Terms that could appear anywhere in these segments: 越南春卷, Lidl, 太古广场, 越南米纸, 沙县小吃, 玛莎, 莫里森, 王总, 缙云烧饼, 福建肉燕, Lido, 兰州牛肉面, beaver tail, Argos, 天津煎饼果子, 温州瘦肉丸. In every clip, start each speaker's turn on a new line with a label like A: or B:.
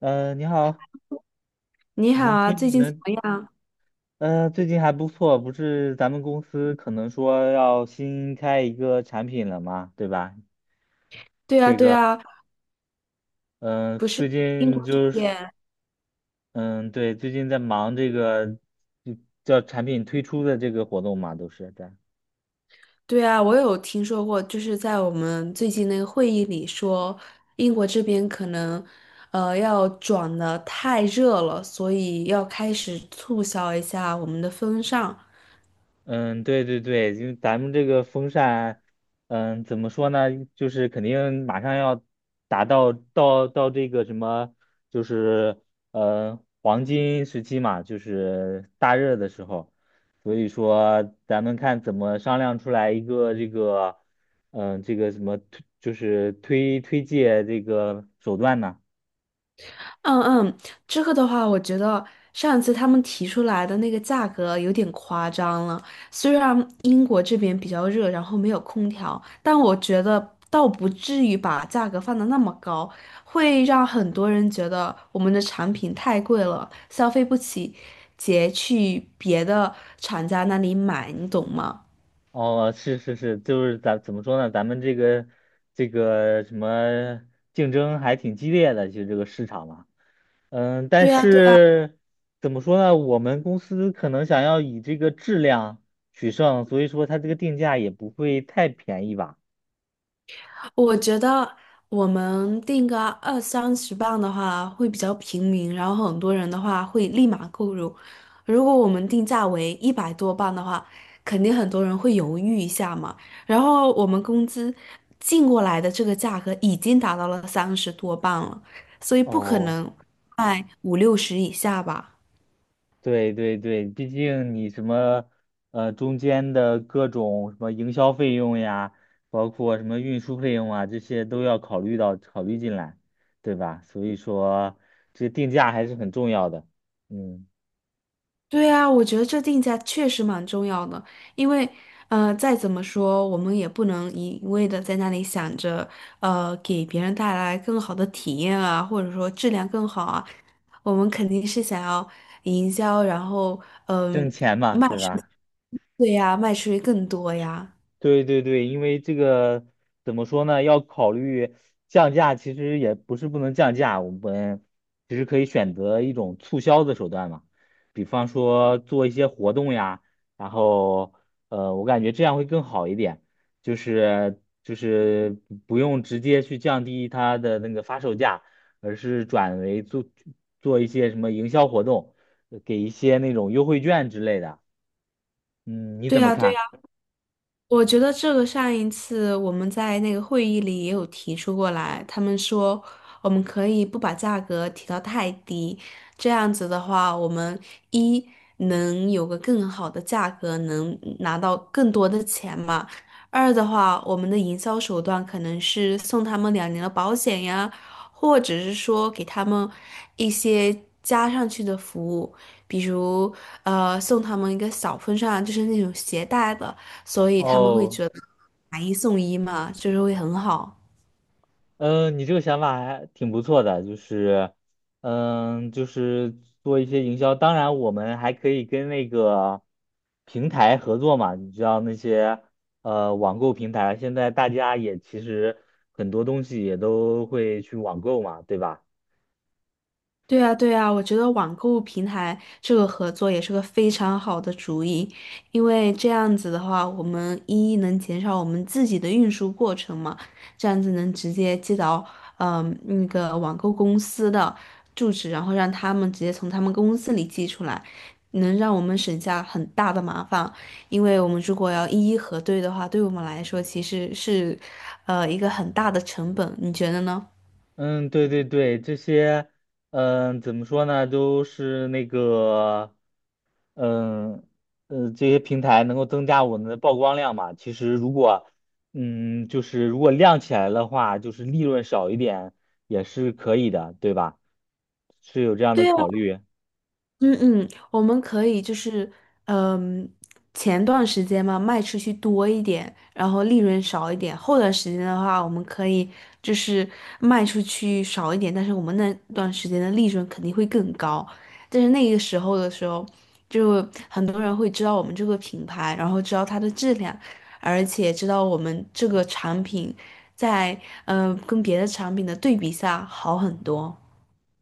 A: 嗯，你好，
B: 你
A: 你
B: 好
A: 能
B: 啊，最
A: 听
B: 近怎
A: 能，
B: 么样？
A: 最近还不错，不是咱们公司可能说要新开一个产品了嘛，对吧？
B: 对啊，
A: 这
B: 对
A: 个，
B: 啊，
A: 嗯，
B: 不是
A: 最
B: 英
A: 近
B: 国这
A: 就是，
B: 边。
A: 嗯，对，最近在忙这个，就叫产品推出的这个活动嘛，都是在。
B: 对啊，我有听说过，就是在我们最近那个会议里说，英国这边可能，要转的太热了，所以要开始促销一下我们的风尚。
A: 嗯，对对对，因为咱们这个风扇，嗯，怎么说呢？就是肯定马上要达到这个什么，就是黄金时期嘛，就是大热的时候，所以说咱们看怎么商量出来一个这个，这个什么推，就是推介这个手段呢？
B: 嗯嗯，这个的话，我觉得上次他们提出来的那个价格有点夸张了。虽然英国这边比较热，然后没有空调，但我觉得倒不至于把价格放得那么高，会让很多人觉得我们的产品太贵了，消费不起，直接去别的厂家那里买，你懂吗？
A: 哦，是是是，就是咱怎么说呢？咱们这个这个什么竞争还挺激烈的，就这个市场嘛。嗯，但
B: 对呀，对。
A: 是怎么说呢？我们公司可能想要以这个质量取胜，所以说它这个定价也不会太便宜吧？
B: 我觉得我们定个20-30磅的话会比较平民，然后很多人的话会立马购入。如果我们定价为100多磅的话，肯定很多人会犹豫一下嘛。然后我们工资进过来的这个价格已经达到了30多磅了，所以不可
A: 哦。
B: 能卖五六十以下吧。
A: 对对对，毕竟你什么中间的各种什么营销费用呀，包括什么运输费用啊，这些都要考虑到考虑进来，对吧？所以说这定价还是很重要的，嗯，
B: 对啊，我觉得这定价确实蛮重要的，因为，再怎么说，我们也不能一味的在那里想着，给别人带来更好的体验啊，或者说质量更好啊，我们肯定是想要营销，然后，
A: 挣
B: 嗯、
A: 钱嘛，
B: 卖
A: 对
B: 出
A: 吧？
B: 对呀，卖出去更多呀，
A: 对对对，因为这个怎么说呢？要考虑降价，其实也不是不能降价，我们其实可以选择一种促销的手段嘛，比方说做一些活动呀，然后我感觉这样会更好一点，就是不用直接去降低它的那个发售价，而是转为做一些什么营销活动，给一些那种优惠券之类的。嗯，你
B: 对
A: 怎么
B: 呀，对
A: 看？
B: 呀。我觉得这个上一次我们在那个会议里也有提出过来，他们说我们可以不把价格提到太低，这样子的话，我们一能有个更好的价格，能拿到更多的钱嘛；二的话，我们的营销手段可能是送他们2年的保险呀，或者是说给他们一些加上去的服务，比如送他们一个小风扇，就是那种携带的。所以他们会
A: 哦。
B: 觉得买一送一嘛，就是会很好。
A: 嗯，你这个想法还挺不错的，就是，嗯，就是做一些营销。当然，我们还可以跟那个平台合作嘛。你知道那些网购平台，现在大家也其实很多东西也都会去网购嘛，对吧？
B: 对啊，对啊，我觉得网购平台这个合作也是个非常好的主意，因为这样子的话，我们一能减少我们自己的运输过程嘛，这样子能直接寄到那个网购公司的住址，然后让他们直接从他们公司里寄出来，能让我们省下很大的麻烦，因为我们如果要一一核对的话，对我们来说其实是一个很大的成本，你觉得呢？
A: 嗯，对对对，这些，嗯，怎么说呢，都是那个，嗯，这些平台能够增加我们的曝光量嘛。其实如果，嗯，就是如果亮起来的话，就是利润少一点也是可以的，对吧？是有这样的
B: 对啊，
A: 考虑。
B: 嗯嗯，我们可以就是，嗯，前段时间嘛，卖出去多一点，然后利润少一点。后段时间的话，我们可以就是卖出去少一点，但是我们那段时间的利润肯定会更高。但是那个时候的时候，就很多人会知道我们这个品牌，然后知道它的质量，而且知道我们这个产品在跟别的产品的对比下好很多。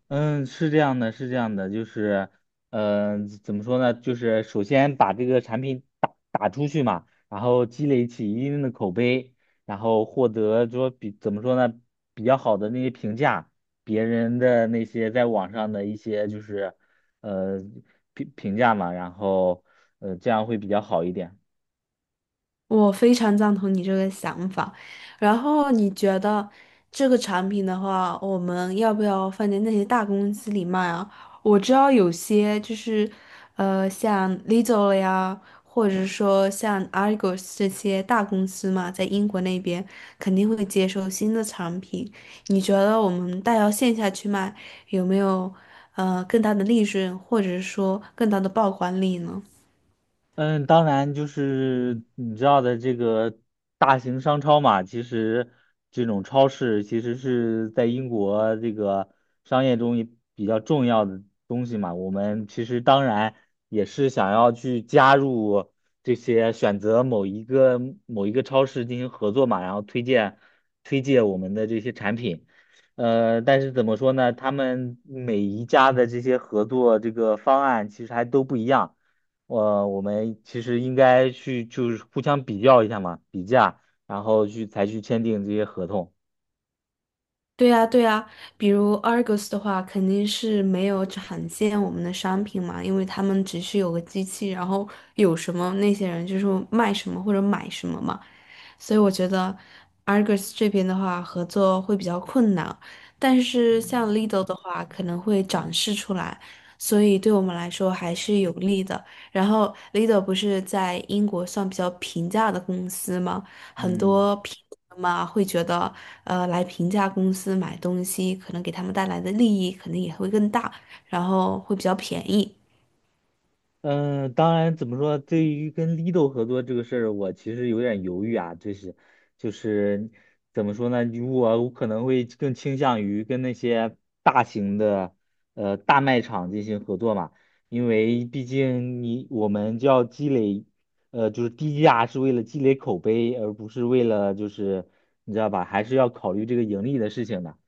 A: 嗯，是这样的，是这样的，就是，怎么说呢？就是首先把这个产品打出去嘛，然后积累起一定的口碑，然后获得说比怎么说呢，比较好的那些评价，别人的那些在网上的一些就是，呃，评价嘛，然后，这样会比较好一点。
B: 我非常赞同你这个想法，然后你觉得这个产品的话，我们要不要放在那些大公司里卖啊？我知道有些就是，像 Lidl 了呀，或者说像 Argos 这些大公司嘛，在英国那边肯定会接受新的产品。你觉得我们带到线下去卖，有没有更大的利润，或者说更大的曝光率呢？
A: 嗯，当然就是你知道的这个大型商超嘛，其实这种超市其实是在英国这个商业中也比较重要的东西嘛。我们其实当然也是想要去加入这些选择某一个超市进行合作嘛，然后推荐我们的这些产品。呃，但是怎么说呢？他们每一家的这些合作这个方案其实还都不一样。我们其实应该去就是互相比较一下嘛，比价，然后去签订这些合同。
B: 对呀，对呀，比如 Argos 的话，肯定是没有展现我们的商品嘛，因为他们只是有个机器，然后有什么那些人就是卖什么或者买什么嘛，所以我觉得 Argos 这边的话合作会比较困难，但是像 Lidl 的话可能会展示出来，所以对我们来说还是有利的。然后 Lidl 不是在英国算比较平价的公司吗？很
A: 嗯。
B: 多评论嘛会觉得，来评价公司买东西，可能给他们带来的利益肯定也会更大，然后会比较便宜。
A: 嗯，当然，怎么说？对于跟 Lido 合作这个事儿，我其实有点犹豫啊。就是，就是怎么说呢？如果我可能会更倾向于跟那些大型的大卖场进行合作嘛，因为毕竟你我们就要积累，就是低价是为了积累口碑，而不是为了就是你知道吧，还是要考虑这个盈利的事情的。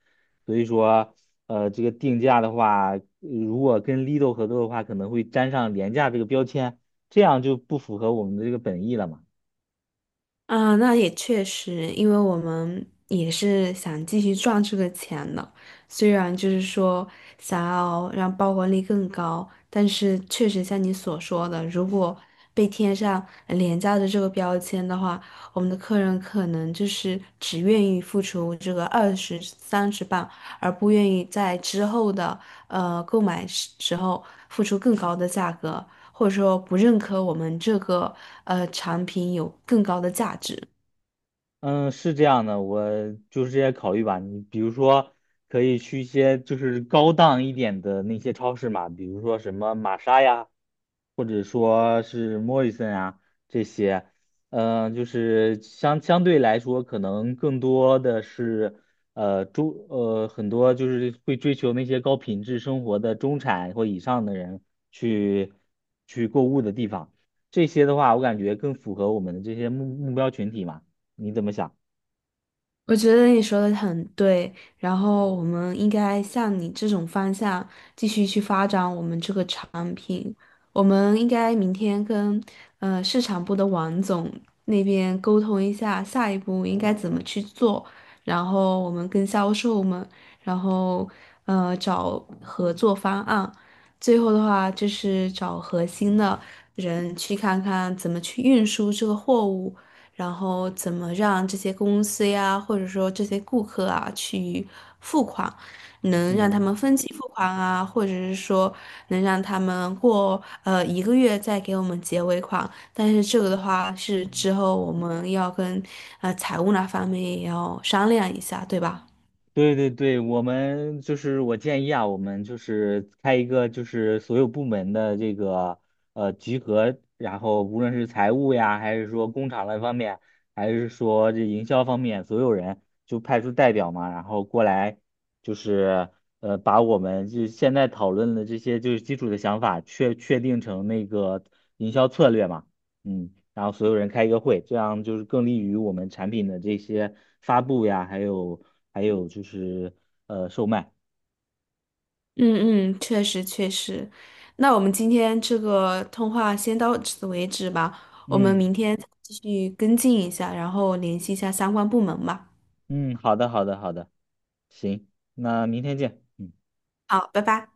A: 所以说，这个定价的话，如果跟 Lido 合作的话，可能会沾上廉价这个标签，这样就不符合我们的这个本意了嘛。
B: 啊，那也确实，因为我们也是想继续赚这个钱的，虽然就是说想要让曝光率更高，但是确实像你所说的，如果被贴上廉价的这个标签的话，我们的客人可能就是只愿意付出这个20-30磅，而不愿意在之后的购买时候付出更高的价格。或者说不认可我们这个产品有更高的价值。
A: 嗯，是这样的，我就是这些考虑吧。你比如说，可以去一些就是高档一点的那些超市嘛，比如说什么玛莎呀。或者说是莫里森啊这些，嗯，就是相对来说，可能更多的是呃中呃很多就是会追求那些高品质生活的中产或以上的人去购物的地方，这些的话，我感觉更符合我们的这些目标群体嘛，你怎么想？
B: 我觉得你说的很对，然后我们应该向你这种方向继续去发展我们这个产品。我们应该明天跟市场部的王总那边沟通一下，下一步应该怎么去做。然后我们跟销售们，然后找合作方案。最后的话就是找核心的人去看看怎么去运输这个货物。然后怎么让这些公司呀，或者说这些顾客啊去付款，能让他们
A: 嗯。
B: 分期付款啊，或者是说能让他们过1个月再给我们结尾款。但是这个的话是之后我们要跟财务那方面也要商量一下，对吧？
A: 对对对，我们就是我建议啊，我们就是开一个就是所有部门的这个集合，然后无论是财务呀，还是说工厂那方面，还是说这营销方面，所有人就派出代表嘛，然后过来就是把我们就现在讨论的这些就是基础的想法确定成那个营销策略嘛。嗯，然后所有人开一个会，这样就是更利于我们产品的这些发布呀，还有就是售卖。
B: 嗯嗯，确实确实。那我们今天这个通话先到此为止吧，我们
A: 嗯
B: 明天再继续跟进一下，然后联系一下相关部门吧。
A: 嗯，好的好的好的，行，那明天见。嗯。
B: 好，拜拜。